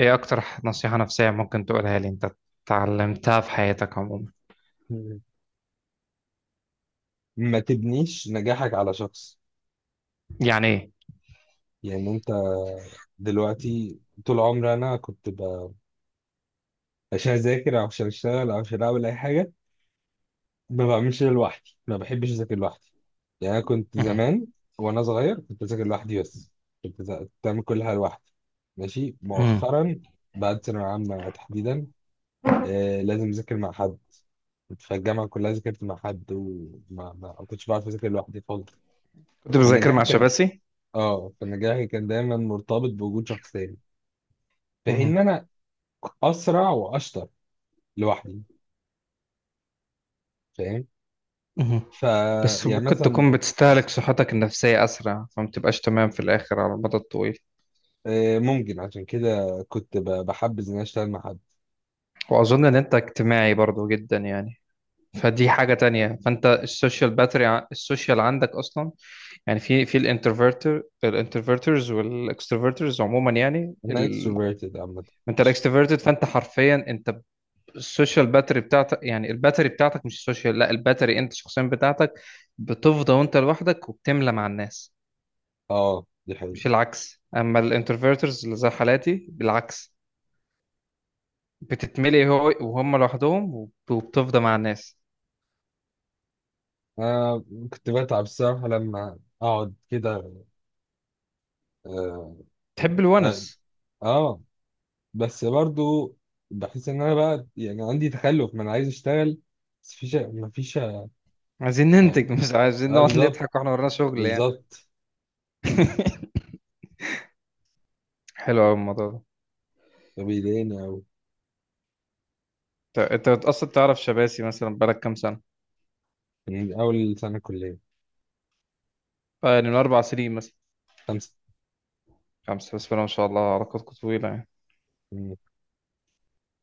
ايه اكتر نصيحة نفسية ممكن تقولها لي انت اتعلمتها في حياتك عموما. مم. ما تبنيش نجاحك على شخص. يعني ايه؟ يعني انت دلوقتي، طول عمري انا عشان اذاكر او عشان اشتغل او عشان اعمل اي حاجه، ما بعملش ده لوحدي، ما بحبش اذاكر لوحدي. يعني انا كنت مهم. زمان وانا صغير كنت اذاكر لوحدي بس، كنت بعمل كل حاجه لوحدي ماشي. مهم. مؤخرا بعد ثانويه عامه تحديدا، آه لازم اذاكر مع حد. كنت في الجامعه كلها ذاكرت مع حد، وما ما ما كنتش بعرف اذاكر لوحدي خالص. كنت أنا بذاكر نجاحي مع كان شباسي. اه فنجاحي كان دايما مرتبط بوجود شخصين، في حين ان مهم. انا اسرع واشطر لوحدي، فاهم؟ مهم. ف بس يعني ممكن مثلا، تكون بتستهلك صحتك النفسية أسرع فما بتبقاش تمام في الآخر على المدى الطويل. ممكن عشان كده كنت بحبذ ان أنا اشتغل مع حد. وأظن إن أنت اجتماعي برضو جدا يعني، فدي حاجة تانية، فأنت السوشيال باتري السوشيال عندك أصلا. يعني في الانترفيرتر الانترفيرترز والإكستروفيرترز عموما، يعني انا اكستروفيرتد عامه أنت فشخ. الإكستروفيرتد، فأنت حرفيا أنت السوشيال باتري بتاعتك، يعني الباتري بتاعتك مش السوشيال، لا الباتري انت شخصيا بتاعتك. بتفضى وانت لوحدك وبتملى مع الناس، اه دي مش حقيقة. العكس. اما الانتروفيرترز اللي زي حالاتي بالعكس، بتتملي هو وهم لوحدهم وبتفضى مع الناس. أنا كنت بتعب الصراحة لما أقعد كده. آه، تحب آه، الونس. آه بس برضو بحس إن أنا بقى يعني عندي تخلف، ما أنا عايز أشتغل بس مفيش آه، عايزين ننتج، مش عايزين آه نقعد بالظبط نضحك واحنا ورانا شغل يعني. بالظبط. حلو قوي الموضوع ده. فبيضايقني أوي. انت انت اصلا تعرف شباسي مثلا بقالك كام سنه؟ مم، أول سنة كلية. آه، يعني من اربع سنين مثلا. خمسة. خمسه، بس ما شاء الله علاقتكم طويله يعني. مم.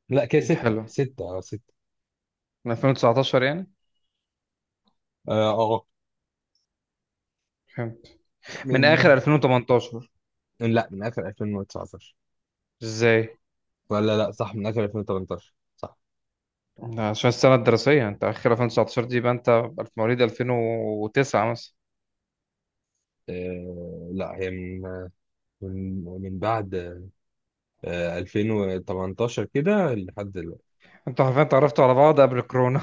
لا كده ستة حلو. ستة أه ستة. من 2019 يعني؟ أه آه، آه. فهمت. من اخر من 2018؟ لا من آخر 2019. ازاي؟ ولا لا صح، من آخر 2018 صح. ده عشان السنه الدراسيه، انت اخر 2019 دي يبقى انت في مواليد 2009 مثلا. أه لا هي من من بعد أه 2018 كده لحد دلوقتي. انتوا عارفين اتعرفتوا على بعض قبل الكورونا؟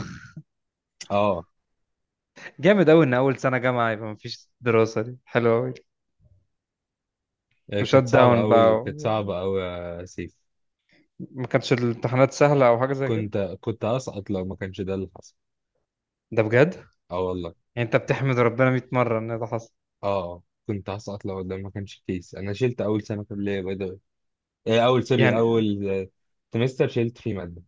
أه جامد قوي ان اول سنه جامعه يبقى مفيش دراسه، دي حلوه قوي. آه، وشات كانت داون صعبة بقى أوي، كانت صعبة أوي يا سيف. ما كانتش الامتحانات سهله او حاجه زي كده. كنت هسقط لو ما كانش ده اللي حصل. ده بجد، أه والله. يعني انت بتحمد ربنا 100 مره ان ده حصل. أه آه، كنت هسقط لو ده ما كانش كيس. أنا شلت أول سنة كلية. إيه، يعني اول آه، سمستر شلت فيه ماده،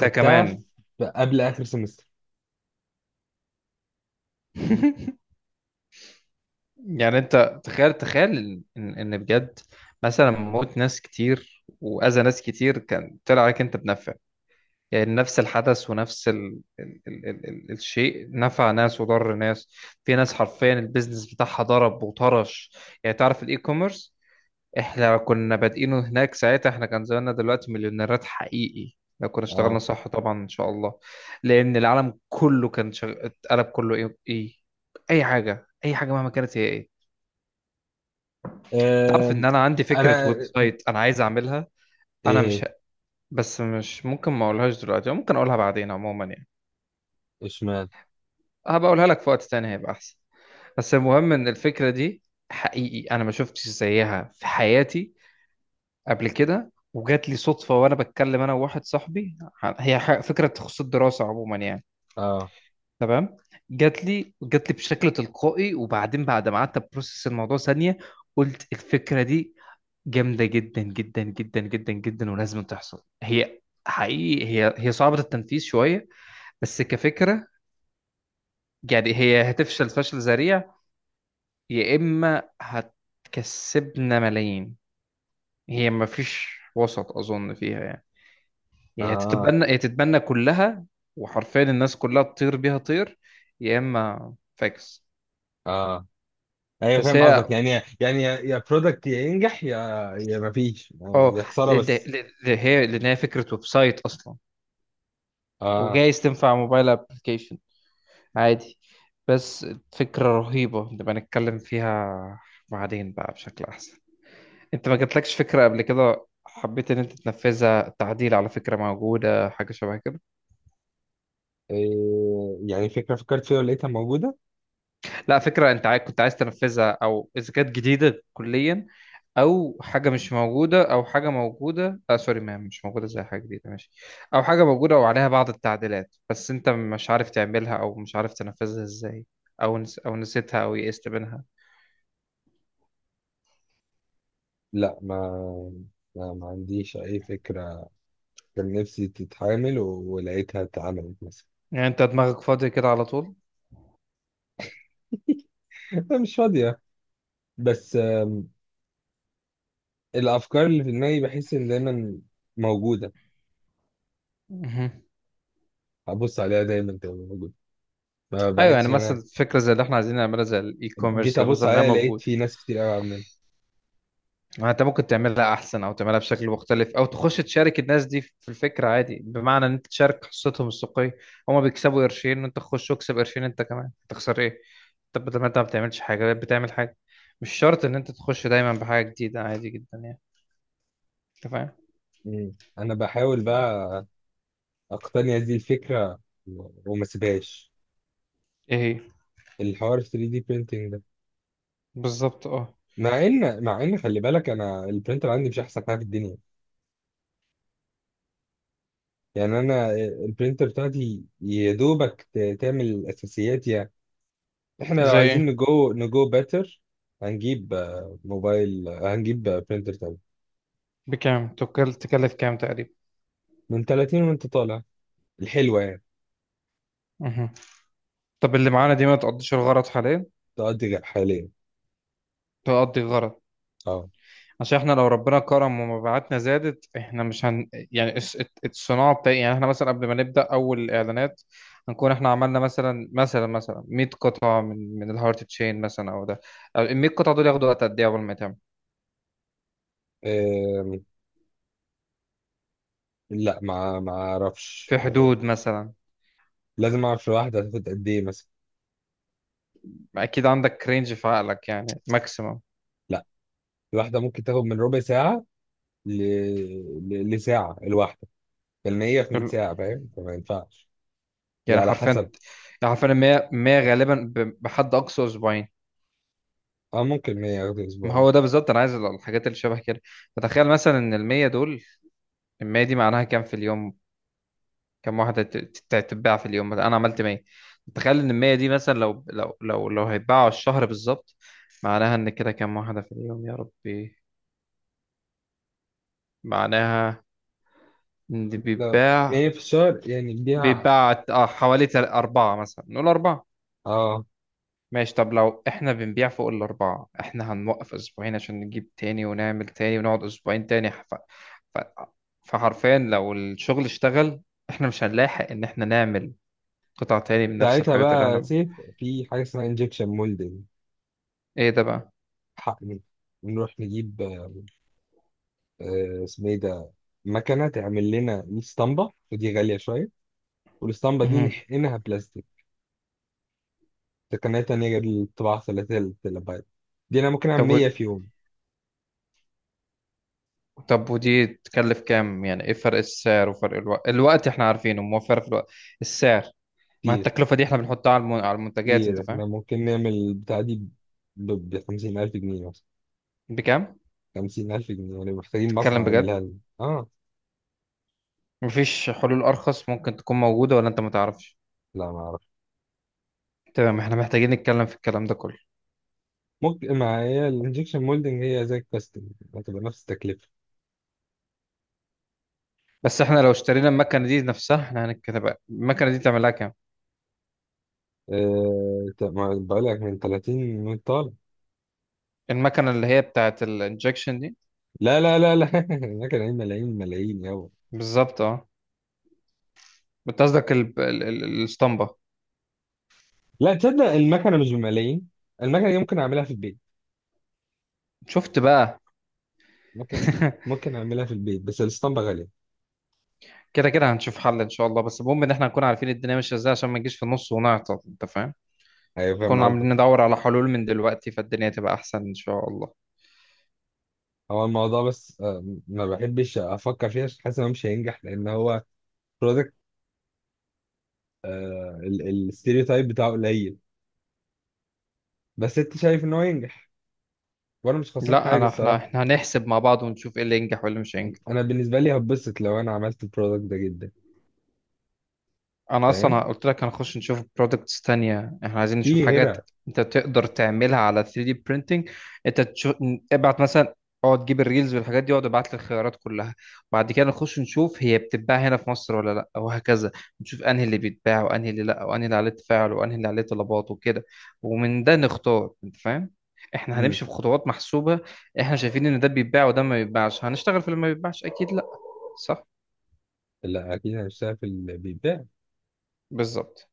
ده كمان! قبل اخر سمستر. يعني انت تخيل، تخيل ان بجد، مثلا موت ناس كتير واذى ناس كتير كان طلع عليك انت بنفع. يعني نفس الحدث ونفس الشيء نفع ناس وضر ناس. في ناس حرفيا البيزنس بتاعها ضرب وطرش. يعني تعرف الاي كوميرس، احنا كنا بادئينه هناك ساعتها، احنا كان زماننا دلوقتي مليونيرات حقيقي لو كنا اشتغلنا اه. صح طبعا ان شاء الله. لان العالم كله اتقلب كله. ايه ايه، اي حاجه اي حاجه مهما كانت هي ايه. تعرف ان آم، انا عندي فكره انا. ويب سايت انا عايز اعملها؟ انا مش، ايه؟ بس مش ممكن ما اقولهاش دلوقتي، أو ممكن اقولها بعدين عموما يعني. اشمعنى؟ هبقولها لك في وقت تاني هيبقى احسن. بس المهم ان الفكره دي، حقيقي انا ما شفتش زيها في حياتي قبل كده، وجات لي صدفه وانا بتكلم انا وواحد صاحبي. هي فكره تخص الدراسه عموما يعني. اه. تمام. جات لي بشكل تلقائي، وبعدين بعد ما قعدت بروسس الموضوع ثانيه قلت الفكره دي جامده جدا جدا جدا جدا جدا ولازم تحصل. هي حقيقي هي صعبه التنفيذ شويه، بس كفكره، يعني هي هتفشل فشل ذريع يا إما هتكسبنا ملايين. هي مفيش وسط أظن فيها يعني. هي اه. هتتبنى، هي تتبنى كلها وحرفيا الناس كلها تطير بيها طير، يا إما فاكس. اه. ايوه بس فاهم هي قصدك. يعني يا برودكت، يا ينجح يا يا مفيش، آه، اه، يا خساره بس. هي لأن هي فكرة ويب سايت أصلا، اه. وجايز تنفع موبايل أبلكيشن عادي. بس فكرة رهيبة نبقى نتكلم فيها بعدين بقى بشكل أحسن. أنت ما جاتلكش فكرة قبل كده حبيت إن أنت تنفذها، تعديل على فكرة موجودة، حاجة شبه كده؟ إيه؟ يعني فكره فكرت فيها ولقيتها موجوده. لا، فكرة انت عايز، كنت عايز تنفذها، او اذا كانت جديدة كليا، او حاجة مش موجودة، او حاجة موجودة، آه سوري، ما مش موجودة زي حاجة جديدة ماشي، او حاجة موجودة وعليها بعض التعديلات بس انت مش عارف تعملها او مش عارف تنفذها ازاي، او او نسيتها او يئست منها. لا ما عنديش اي فكره. كان نفسي تتعامل ولقيتها اتعملت مثلا. يعني انت دماغك فاضي كده على طول؟ أنا مش فاضيه بس، الافكار اللي في دماغي بحس ان دايما موجوده. مهم. ابص عليها دايما تبقى موجوده. ما ايوه، يعني بحسش ان مثلا انا فكرة زي اللي احنا عايزين نعملها زي الاي جيت كوميرس ده ابص مثلا، ما هي عليها لقيت موجود. في ناس كتير قوي عاملين. ما انت ممكن تعملها احسن او تعملها بشكل مختلف، او تخش تشارك الناس دي في الفكره عادي، بمعنى ان انت تشارك حصتهم السوقيه. هما بيكسبوا قرشين وانت تخش واكسب قرشين انت كمان، تخسر ايه؟ طب بدل ما انت ما بتعملش حاجه، بتعمل حاجه. مش شرط ان انت تخش دايما بحاجه جديده، عادي جدا يعني. انت فاهم؟ مم. انا بحاول بقى اقتني هذه الفكره وما سيبهاش. ايه هي؟ الحوار 3 دي printing ده. بالظبط اه. مع ان خلي بالك انا البرينتر عندي مش احسن حاجه في الدنيا. يعني انا البرينتر بتاعتي يا دوبك تعمل الاساسيات يعني. احنا لو زي عايزين ايه؟ نجو بيتر هنجيب آه، موبايل، آه، هنجيب برينتر بكام تكلف كام تقريبا؟ من 30 وانت طالع الحلوة يعني. مهم. طب اللي معانا دي ما تقضيش الغرض حاليا؟ تقضي حاليا. تقضي الغرض. اه. عشان احنا لو ربنا كرم ومبيعاتنا زادت احنا مش هن، يعني الصناعه بتاعي يعني، احنا مثلا قبل ما نبدا اول اعلانات هنكون احنا عملنا مثلا 100 قطعه من الهارت تشين مثلا او ده، ال 100 قطعه دول ياخدوا وقت قد ايه قبل ما يتعمل؟ أم، لا ما اعرفش. في حدود مثلا، لازم اعرف الواحدة هتاخد قد ايه مثلا. اكيد عندك رينج في عقلك يعني ماكسيمم. لا الواحدة ممكن تاخد من ربع ساعة ل... لساعة الواحدة، لان هي في 100 ساعة فاهم، فما ينفعش. هي يعني على حرفيا، حسب. يعني حرفيا 100، 100 غالبا بحد اقصى اسبوعين. اه ممكن 100 ياخد ما اسبوعين. هو ده بالظبط انا عايز الحاجات اللي شبه كده. فتخيل مثلا ان ال 100 دول، ال 100 دي معناها كام في اليوم؟ كم واحدة تتباع في اليوم؟ مثلا أنا عملت 100، تخيل إن المية دي مثلا لو هيتباعوا الشهر بالظبط، معناها إن كده كم واحدة في اليوم يا ربي؟ معناها إن لا بيتباع، هي في الشهر يعني اديها. بيتباع حوالي أربعة، مثلا نقول أربعة. اه، ماشي. طب لو إحنا بنبيع فوق الأربعة، إحنا هنوقف أسبوعين عشان نجيب تاني ونعمل تاني، ونقعد أسبوعين تاني ف... فحرفيا لو الشغل اشتغل إحنا مش هنلاحق إن إحنا نعمل قطع تاني من نفس ساعتها الحاجات اللي بقى إحنا. سيف في حاجة اسمها انجكشن مولدنج. إيه ده بقى؟ حقني نروح نجيب، آه، اسمه ايه ده، مكنه تعمل لنا 100 اسطمبه ودي غاليه شويه، والاسطمبه دي نحقنها بلاستيك. تقنيه تانية غير الطباعه ثلاثية التلابايت دي، انا ممكن اعمل طب و... 100 في يوم. طب ودي تكلف كام؟ يعني ايه فرق السعر وفرق الوقت؟ الوقت احنا عارفينه موفر في الوقت، السعر؟ ما كتير. التكلفة دي احنا بنحطها على على المنتجات، انت كتير، فاهم. احنا ممكن نعمل البتاعه دي ب 50000 جنيه مثلا. بكام؟ 50000 جنيه، يعني محتاجين تتكلم مصنع بجد؟ يعملها لنا اه. مفيش حلول ارخص ممكن تكون موجودة ولا انت ما تعرفش؟ لا ما اعرف. تمام، احنا محتاجين نتكلم في الكلام ده كله. ممكن، ما هي الانجكشن مولدنج هي زي الكاستنج، هتبقى نفس التكلفه. بس احنا لو اشترينا المكنة دي نفسها، احنا هنتكلم بقى المكنة دي تعمل لها كام. أه... طب ما بقول لك من 30 وانت طالع. المكنة اللي هي بتاعت الانجكشن دي. لا لا لا لا هناك ملايين ملايين ملايين يابا. بالظبط اه. بتصدق الاسطمبة. لا تصدق المكنه مش بملايين، المكنه دي ممكن اعملها في البيت. شفت بقى. ممكن. ممكن اعملها في البيت بس الاسطمبه غاليه. كده كده هنشوف حل ان شاء الله، بس المهم ان احنا نكون عارفين الدنيا ماشيه ازاي عشان ما نجيش في النص ونعطل، انت فاهم. ايوه فاهم كنا عاملين قصدك. ندور على حلول من دلوقتي فالدنيا تبقى احسن ان شاء الله. هو الموضوع بس آه، ما بحبش افكر فيه عشان حاسس ان هو مش هينجح، لان هو برودكت الستيريوتايب بتاعه قليل. بس انت شايف ان هو ينجح، وانا مش خسران لا حاجه انا، احنا الصراحه. احنا هنحسب مع بعض ونشوف ايه اللي ينجح وايه اللي مش هينجح. انا بالنسبه لي هبسط لو انا عملت البرودكت ده جدا. انا اصلا فاهم. قلت لك هنخش نشوف برودكتس تانية، احنا عايزين نشوف في غيرها. حاجات انت تقدر تعملها على 3D printing. انت تشوف، ابعت مثلا، اقعد جيب الريلز والحاجات دي، اقعد ابعت لي الخيارات كلها، وبعد كده نخش نشوف هي بتتباع هنا في مصر ولا لا، وهكذا. نشوف انهي اللي بيتباع وانهي اللي لا وانهي اللي عليه تفاعل وانهي اللي عليه طلبات وكده، ومن ده نختار، انت فاهم. احنا امم. هنمشي بخطوات محسوبة. احنا شايفين ان ده بيتباع وده ما بيتباعش، هنشتغل في اللي ما بيتباعش؟ اكيد لا. صح؟ لا اكيد هشتغل في البيت. بالظبط.